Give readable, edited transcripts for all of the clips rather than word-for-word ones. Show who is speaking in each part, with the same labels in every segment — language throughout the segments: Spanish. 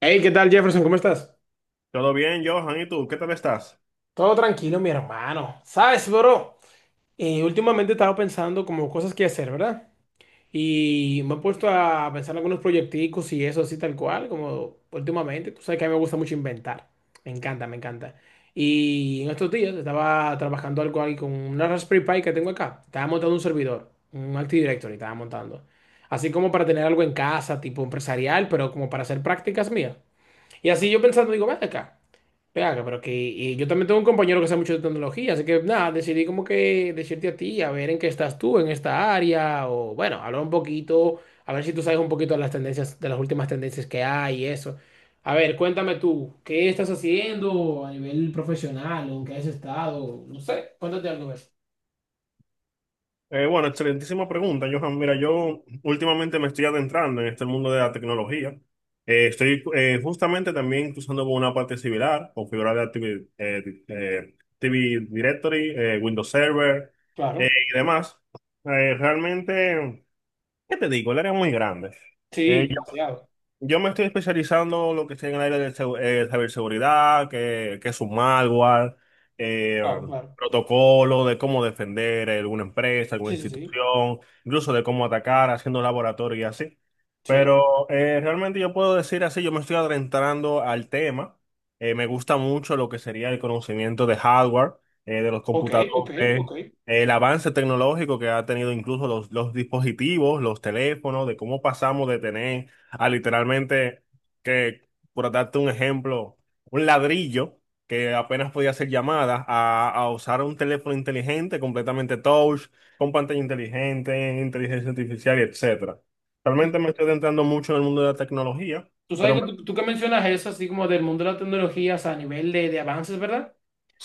Speaker 1: Hey, ¿qué tal, Jefferson? ¿Cómo estás?
Speaker 2: Todo bien, Johan, ¿y tú? ¿Qué tal estás?
Speaker 1: Todo tranquilo, mi hermano. ¿Sabes, bro? Últimamente he estado pensando como cosas que hacer, ¿verdad? Y me he puesto a pensar en algunos proyecticos y eso así tal cual, como últimamente. Tú sabes que a mí me gusta mucho inventar. Me encanta, me encanta. Y en estos días estaba trabajando algo ahí con una Raspberry Pi que tengo acá. Estaba montando un servidor, un Active Directory estaba montando. Así como para tener algo en casa, tipo empresarial, pero como para hacer prácticas mías. Y así yo pensando, digo, ven acá, pero que y yo también tengo un compañero que sabe mucho de tecnología, así que nada, decidí como que decirte a ti, a ver en qué estás tú en esta área, o bueno, hablar un poquito, a ver si tú sabes un poquito de las tendencias, de las últimas tendencias que hay y eso. A ver, cuéntame tú, ¿qué estás haciendo a nivel profesional, o en qué has estado? No sé, cuéntate algo de eso.
Speaker 2: Bueno, excelentísima pregunta, Johan. Mira, yo últimamente me estoy adentrando en este mundo de la tecnología. Estoy justamente también usando por una parte similar, configurar la TV, TV Directory, Windows Server,
Speaker 1: Claro,
Speaker 2: y demás. Realmente, ¿qué te digo? El área es muy grande. Eh,
Speaker 1: sí, demasiado.
Speaker 2: Yo me estoy especializando en lo que está en el área de ciberseguridad, que es un malware, eh,
Speaker 1: Claro, claro.
Speaker 2: protocolo de cómo defender alguna empresa, alguna
Speaker 1: Sí, sí, sí.
Speaker 2: institución, incluso de cómo atacar haciendo laboratorio y así.
Speaker 1: Sí.
Speaker 2: Pero realmente yo puedo decir así, yo me estoy adentrando al tema. Me gusta mucho lo que sería el conocimiento de hardware, de los
Speaker 1: Ok, ok,
Speaker 2: computadores,
Speaker 1: ok.
Speaker 2: el avance tecnológico que ha tenido incluso los dispositivos, los teléfonos, de cómo pasamos de tener a literalmente que, por darte un ejemplo, un ladrillo que apenas podía hacer llamadas a usar un teléfono inteligente, completamente touch, con pantalla inteligente, inteligencia artificial, y etcétera. Realmente me estoy adentrando mucho en el mundo de la tecnología,
Speaker 1: Tú sabes
Speaker 2: pero
Speaker 1: que tú que mencionas eso, así como del mundo de las tecnologías a nivel de avances, ¿verdad?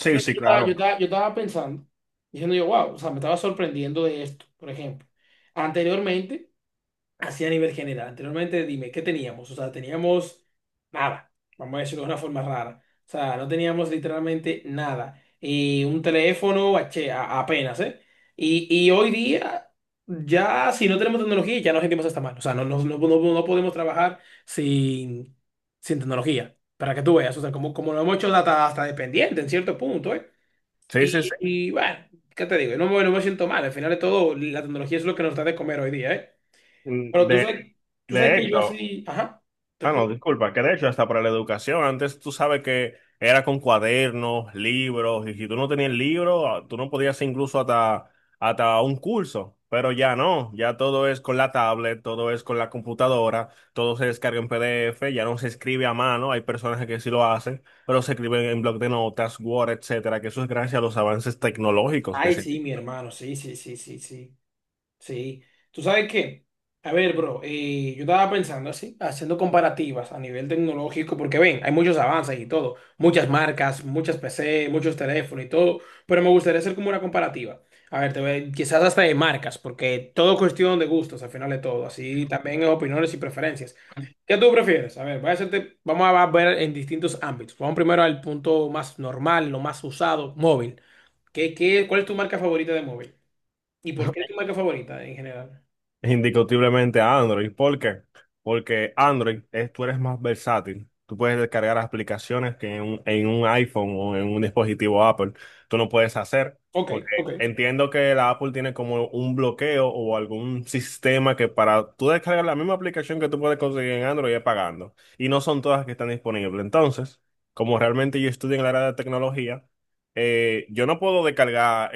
Speaker 1: Tú sabes que
Speaker 2: sí,
Speaker 1: yo estaba, yo
Speaker 2: claro.
Speaker 1: estaba- yo estaba pensando, diciendo yo, wow, o sea, me estaba sorprendiendo de esto, por ejemplo. Anteriormente, así a nivel general. Anteriormente, dime, ¿qué teníamos? O sea, teníamos nada. Vamos a decirlo de una forma rara. O sea, no teníamos literalmente nada. Y un teléfono apenas, ¿eh? Y hoy día, ya si no tenemos tecnología, ya nos sentimos hasta mal. O sea, no podemos trabajar sin, sin tecnología. Para que tú veas, o sea, como, como lo hemos hecho hasta, hasta dependiente en cierto punto, ¿eh?
Speaker 2: Sí, sí, sí.
Speaker 1: Y bueno, ¿qué te digo? Yo no me siento mal. Al final de todo, la tecnología es lo que nos da de comer hoy día, ¿eh?
Speaker 2: Mm,
Speaker 1: Pero tú sabes
Speaker 2: De
Speaker 1: que yo
Speaker 2: hecho.
Speaker 1: así, ajá, te
Speaker 2: Ah,
Speaker 1: escucho.
Speaker 2: no, disculpa, que de hecho hasta para la educación, antes tú sabes que era con cuadernos, libros, y si tú no tenías el libro, ah, tú no podías hacer incluso hasta, hasta un curso, pero ya no, ya todo es con la tablet, todo es con la computadora, todo se descarga en PDF, ya no se escribe a mano, hay personas que sí lo hacen, pero se escriben en bloc de notas, Word, etcétera, que eso es gracias a los avances tecnológicos que
Speaker 1: Ay,
Speaker 2: se...
Speaker 1: sí, mi hermano, sí, sí, sí, sí, sí. Sí, tú sabes que, a ver, bro, yo estaba pensando así, haciendo comparativas a nivel tecnológico, porque ven, hay muchos avances y todo, muchas marcas, muchas PC, muchos teléfonos y todo, pero me gustaría hacer como una comparativa. A ver, quizás hasta de marcas, porque todo cuestión de gustos, al final de todo, así también es opiniones y preferencias. ¿Qué tú prefieres? A ver, voy a hacerte, vamos a ver en distintos ámbitos. Vamos primero al punto más normal, lo más usado, móvil. ¿ cuál es tu marca favorita de móvil? ¿Y por qué es tu marca favorita en general?
Speaker 2: Indiscutiblemente a Android. ¿Por qué? Porque Android es, tú eres más versátil. Tú puedes descargar aplicaciones que en un iPhone o en un dispositivo Apple tú no puedes hacer.
Speaker 1: Ok,
Speaker 2: Porque
Speaker 1: ok,
Speaker 2: entiendo que la Apple tiene como un bloqueo o algún sistema que para tú descargar la misma aplicación que tú puedes conseguir en Android es pagando. Y no son todas que están disponibles. Entonces, como realmente yo estudio en la área de tecnología, yo no puedo descargar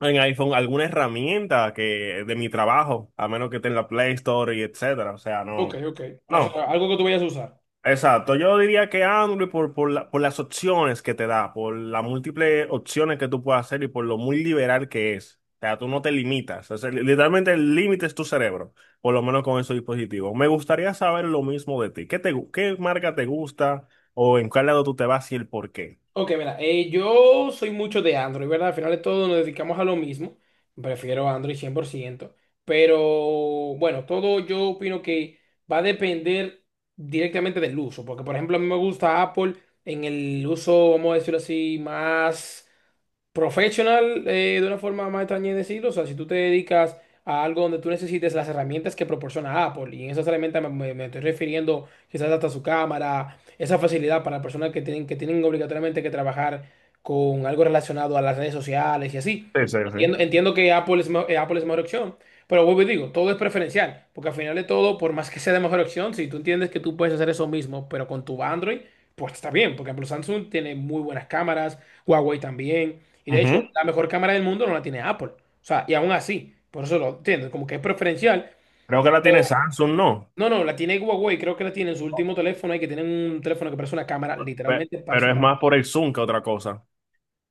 Speaker 2: en iPhone alguna herramienta que de mi trabajo, a menos que esté en la Play Store y etcétera. O sea,
Speaker 1: ok,
Speaker 2: no.
Speaker 1: ok. O
Speaker 2: No,
Speaker 1: sea, algo que tú vayas a usar.
Speaker 2: exacto. Yo diría que Android por, por las opciones que te da, por las múltiples opciones que tú puedes hacer y por lo muy liberal que es. O sea, tú no te limitas. O sea, literalmente el límite es tu cerebro, por lo menos con esos dispositivos. Me gustaría saber lo mismo de ti. ¿Qué te, qué marca te gusta o en cuál lado tú te vas y el por qué?
Speaker 1: Ok, mira, yo soy mucho de Android, ¿verdad? Al final de todo nos dedicamos a lo mismo. Prefiero Android 100%. Pero bueno, todo yo opino que va a depender directamente del uso. Porque, por ejemplo, a mí me gusta Apple en el uso, vamos a decirlo así, más. Professional, de una forma más extraña de decirlo, o sea, si tú te dedicas a algo donde tú necesites las herramientas que proporciona Apple, y en esas herramientas me estoy refiriendo quizás hasta su cámara, esa facilidad para personas que tienen obligatoriamente que trabajar con algo relacionado a las redes sociales y así.
Speaker 2: Sí, sí, sí.
Speaker 1: Entiendo, entiendo que Apple es mejor opción, pero vuelvo y digo, todo es preferencial, porque al final de todo, por más que sea de mejor opción, si tú entiendes que tú puedes hacer eso mismo, pero con tu Android, pues está bien, porque por ejemplo Samsung tiene muy buenas cámaras, Huawei también. Y de hecho,
Speaker 2: Ujú.
Speaker 1: la mejor cámara del mundo no la tiene Apple. O sea, y aún así, por eso lo entiendo, como que es preferencial.
Speaker 2: Creo que la tiene
Speaker 1: Pero
Speaker 2: Samsung, ¿no?
Speaker 1: no, no, la tiene Huawei, creo que la tiene en su último teléfono y que tienen un teléfono que parece una cámara, literalmente parece
Speaker 2: Pero es
Speaker 1: una.
Speaker 2: más por el Zoom que otra cosa.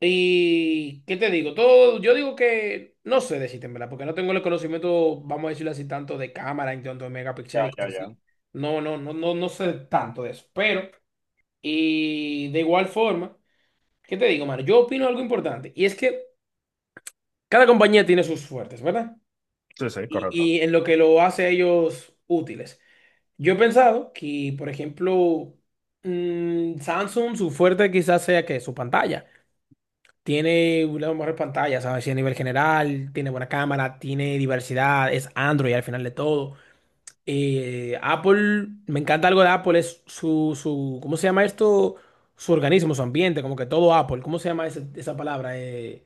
Speaker 1: Y, ¿qué te digo? Todo, yo digo que no sé decirte, en verdad, porque no tengo el conocimiento, vamos a decirlo así, tanto de cámara, en tanto de megapíxeles y
Speaker 2: Ya, ya,
Speaker 1: cosas
Speaker 2: ya.
Speaker 1: así. No sé tanto de eso. Pero, y de igual forma, ¿qué te digo, mano? Yo opino algo importante, y es que cada compañía tiene sus fuertes, ¿verdad?
Speaker 2: Sí, sí,
Speaker 1: y,
Speaker 2: correcto.
Speaker 1: y en lo que lo hace a ellos útiles. Yo he pensado que, por ejemplo, Samsung, su fuerte quizás sea que su pantalla. Tiene una mejor pantalla, ¿sabes? Sí, a nivel general, tiene buena cámara, tiene diversidad, es Android al final de todo. Apple, me encanta algo de Apple, es ¿cómo se llama esto? Su organismo, su ambiente, como que todo Apple, ¿cómo se llama esa palabra?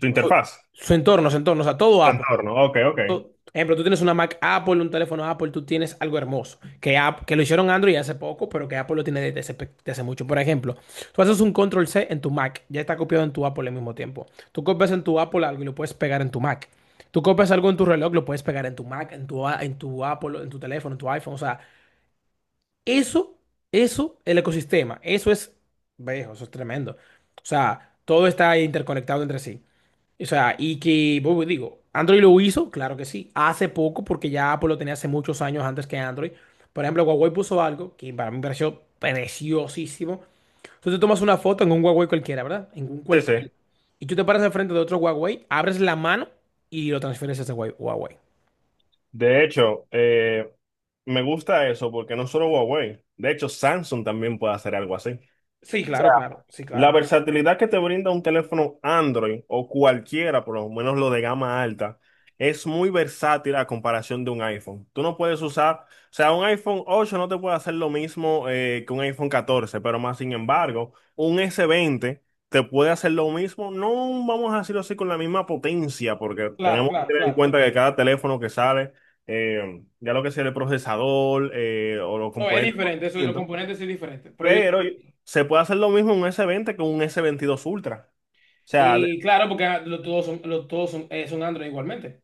Speaker 2: Tu
Speaker 1: su,
Speaker 2: interfaz,
Speaker 1: su entorno, o sea, todo
Speaker 2: tu
Speaker 1: Apple.
Speaker 2: entorno. Ok, ok.
Speaker 1: Por ejemplo, tú tienes una Mac Apple, un teléfono Apple, tú tienes algo hermoso, que, que lo hicieron Android hace poco, pero que Apple lo tiene desde hace, desde hace mucho. Por ejemplo, tú haces un Control C en tu Mac, ya está copiado en tu Apple al mismo tiempo. Tú copias en tu Apple algo y lo puedes pegar en tu Mac. Tú copias algo en tu reloj, lo puedes pegar en tu Mac, en en tu Apple, en tu teléfono, en tu iPhone. O sea, eso, eso, el ecosistema, eso es, viejo, eso es tremendo. O sea, todo está interconectado entre sí. O sea, y que, bueno, digo, Android lo hizo, claro que sí, hace poco, porque ya Apple lo tenía hace muchos años antes que Android. Por ejemplo, Huawei puso algo que para mí me pareció preciosísimo. Tú te tomas una foto en un Huawei cualquiera, ¿verdad? En un
Speaker 2: Sí, sí.
Speaker 1: cualquiera. Y tú te paras enfrente de otro Huawei, abres la mano y lo transfieres a ese Huawei. Huawei.
Speaker 2: De hecho, me gusta eso porque no solo Huawei, de hecho Samsung también puede hacer algo así.
Speaker 1: Sí, claro, claro, sí,
Speaker 2: La
Speaker 1: claro.
Speaker 2: versatilidad que te brinda un teléfono Android o cualquiera, por lo menos lo de gama alta, es muy versátil a comparación de un iPhone. Tú no puedes usar, o sea, un iPhone ocho no te puede hacer lo mismo que un iPhone catorce, pero más sin embargo, un s veinte te puede hacer lo mismo, no vamos a decirlo así con la misma potencia, porque
Speaker 1: Claro,
Speaker 2: tenemos que
Speaker 1: claro,
Speaker 2: tener en
Speaker 1: claro.
Speaker 2: cuenta que cada teléfono que sale, ya lo que sea el procesador o los
Speaker 1: No, es
Speaker 2: componentes,
Speaker 1: diferente, eso, los componentes sí es diferente. Pero yo...
Speaker 2: pero se puede hacer lo mismo en un s veinte que un s veintidós Ultra. O sea,
Speaker 1: Y claro, porque ah, todos son, todos son, son Android igualmente.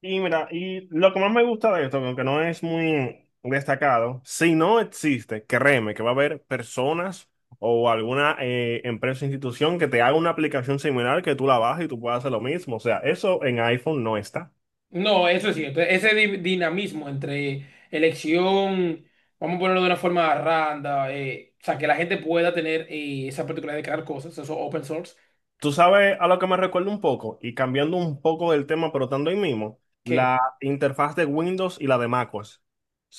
Speaker 2: y mira, y lo que más me gusta de esto, que aunque no es muy destacado, si no existe, créeme que va a haber personas o alguna empresa o institución que te haga una aplicación similar que tú la bajes y tú puedas hacer lo mismo. O sea, eso en iPhone no está.
Speaker 1: No, eso es cierto. Ese dinamismo entre elección, vamos a ponerlo de una forma randa, o sea, que la gente pueda tener esa particularidad de crear cosas, eso open source,
Speaker 2: Tú sabes a lo que me recuerda un poco, y cambiando un poco del tema, pero estando ahí mismo,
Speaker 1: que,
Speaker 2: la interfaz de Windows y la de macOS. O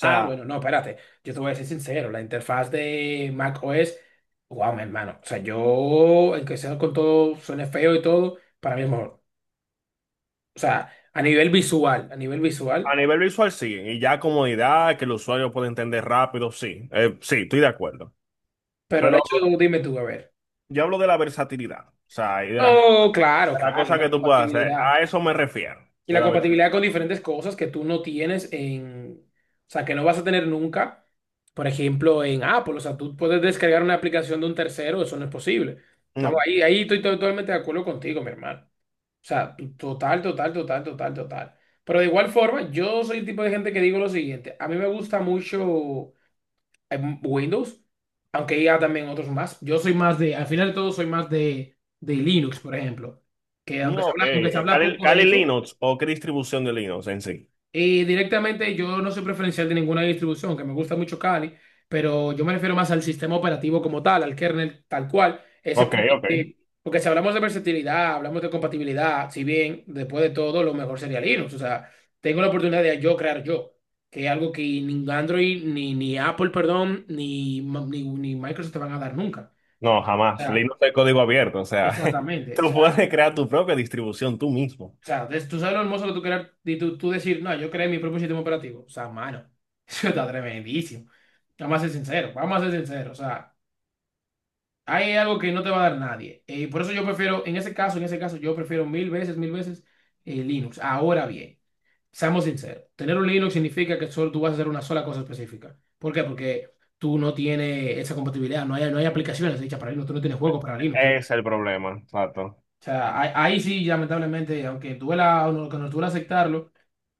Speaker 1: ah, bueno, no, espérate, yo te voy a ser sincero, la interfaz de Mac OS, wow, mi hermano, o sea, yo, aunque sea con todo, suene feo y todo, para mí es mejor. O sea, a nivel visual,
Speaker 2: a nivel visual, sí. Y ya comodidad, que el usuario puede entender rápido, sí. Sí, estoy de acuerdo.
Speaker 1: pero el
Speaker 2: Pero
Speaker 1: hecho de, dime tú, a ver.
Speaker 2: yo hablo de la versatilidad. O sea, y de
Speaker 1: Oh, claro,
Speaker 2: las
Speaker 1: claro, y
Speaker 2: cosas
Speaker 1: la
Speaker 2: que tú puedes hacer. A
Speaker 1: compatibilidad.
Speaker 2: eso me refiero.
Speaker 1: Y
Speaker 2: De
Speaker 1: la
Speaker 2: la
Speaker 1: compatibilidad
Speaker 2: versatilidad.
Speaker 1: con diferentes cosas que tú no tienes en, o sea, que no vas a tener nunca. Por ejemplo, en Apple, o sea, tú puedes descargar una aplicación de un tercero, eso no es posible. Estamos
Speaker 2: No.
Speaker 1: ahí, ahí estoy totalmente de acuerdo contigo, mi hermano. O sea, total, total, total, total, total. Pero de igual forma, yo soy el tipo de gente que digo lo siguiente, a mí me gusta mucho Windows, aunque hay también otros más. Yo soy más de, al final de todo, de Linux, por ejemplo, que
Speaker 2: No, ok.
Speaker 1: aunque se habla
Speaker 2: Kali,
Speaker 1: poco de
Speaker 2: Kali
Speaker 1: eso.
Speaker 2: Linux o qué distribución de Linux en sí.
Speaker 1: Y directamente yo no soy preferencial de ninguna distribución, que me gusta mucho Kali, pero yo me refiero más al sistema operativo como tal, al kernel tal cual. Ese
Speaker 2: Ok,
Speaker 1: punto
Speaker 2: ok.
Speaker 1: que, porque si hablamos de versatilidad, hablamos de compatibilidad, si bien después de todo lo mejor sería Linux, o sea, tengo la oportunidad de yo crear yo, que es algo que ni Android, ni Apple, perdón, ni Microsoft te van a dar nunca.
Speaker 2: No,
Speaker 1: O
Speaker 2: jamás.
Speaker 1: sea,
Speaker 2: Linux es código abierto. O sea,
Speaker 1: exactamente. O
Speaker 2: tú
Speaker 1: sea,
Speaker 2: puedes crear tu propia distribución tú mismo.
Speaker 1: o sea, tú sabes lo hermoso que tú crear y tú decir, no, yo creé mi propio sistema operativo. O sea, mano, eso está tremendísimo. Vamos a ser sinceros, vamos a ser sinceros. O sea, hay algo que no te va a dar nadie. Y por eso yo prefiero, en ese caso, yo prefiero mil veces Linux. Ahora bien, seamos sinceros, tener un Linux significa que solo tú vas a hacer una sola cosa específica. ¿Por qué? Porque tú no tienes esa compatibilidad, no hay aplicaciones hechas para Linux, tú no tienes juegos para Linux.
Speaker 2: Ese es el problema. Exacto.
Speaker 1: O sea, ahí, ahí sí, lamentablemente, aunque duela o no, que nos duela aceptarlo,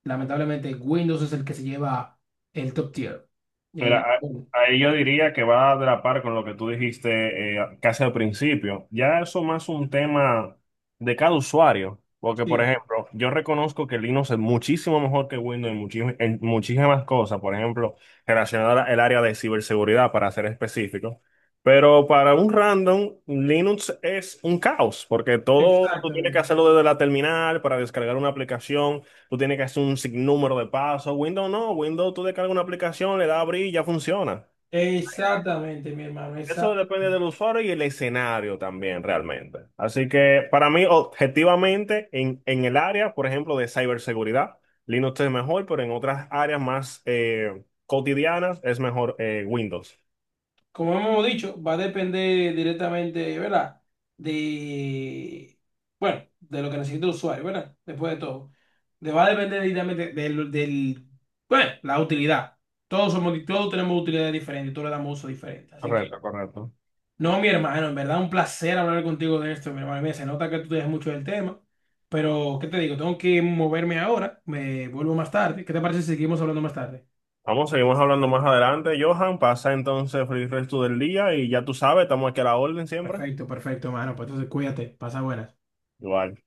Speaker 1: lamentablemente Windows es el que se lleva el top tier. Y el
Speaker 2: Mira, ahí yo diría que va de la par con lo que tú dijiste casi al principio. Ya eso más un tema de cada usuario, porque por
Speaker 1: sí,
Speaker 2: ejemplo, yo reconozco que Linux es muchísimo mejor que Windows en, en muchísimas cosas, por ejemplo, relacionada al área de ciberseguridad, para ser específico. Pero para un random, Linux es un caos, porque todo tú tienes que
Speaker 1: exactamente.
Speaker 2: hacerlo desde la terminal para descargar una aplicación. Tú tienes que hacer un sinnúmero de pasos. Windows no, Windows tú descargas una aplicación, le das a abrir y ya funciona.
Speaker 1: Exactamente, mi hermano,
Speaker 2: Eso depende
Speaker 1: exactamente.
Speaker 2: del usuario y el escenario también realmente. Así que para mí, objetivamente, en el área, por ejemplo, de ciberseguridad, Linux es mejor, pero en otras áreas más cotidianas es mejor Windows.
Speaker 1: Como hemos dicho, va a depender directamente, ¿verdad? De, bueno, de lo que necesite el usuario, ¿verdad? Después de todo. Va a depender directamente del, bueno, la utilidad. Todos somos, todos tenemos utilidades diferentes, todos le damos uso diferente. Así que
Speaker 2: Correcto, correcto.
Speaker 1: no, mi hermano, en verdad un placer hablar contigo de esto, mi hermano. Mira, se nota que tú te des mucho del tema, pero ¿qué te digo? Tengo que moverme ahora, me vuelvo más tarde. ¿Qué te parece si seguimos hablando más tarde?
Speaker 2: Vamos, seguimos hablando más adelante, Johan. Pasa entonces feliz resto del día y ya tú sabes, estamos aquí a la orden siempre.
Speaker 1: Perfecto, perfecto, hermano. Pues entonces cuídate, pasa buenas.
Speaker 2: Igual.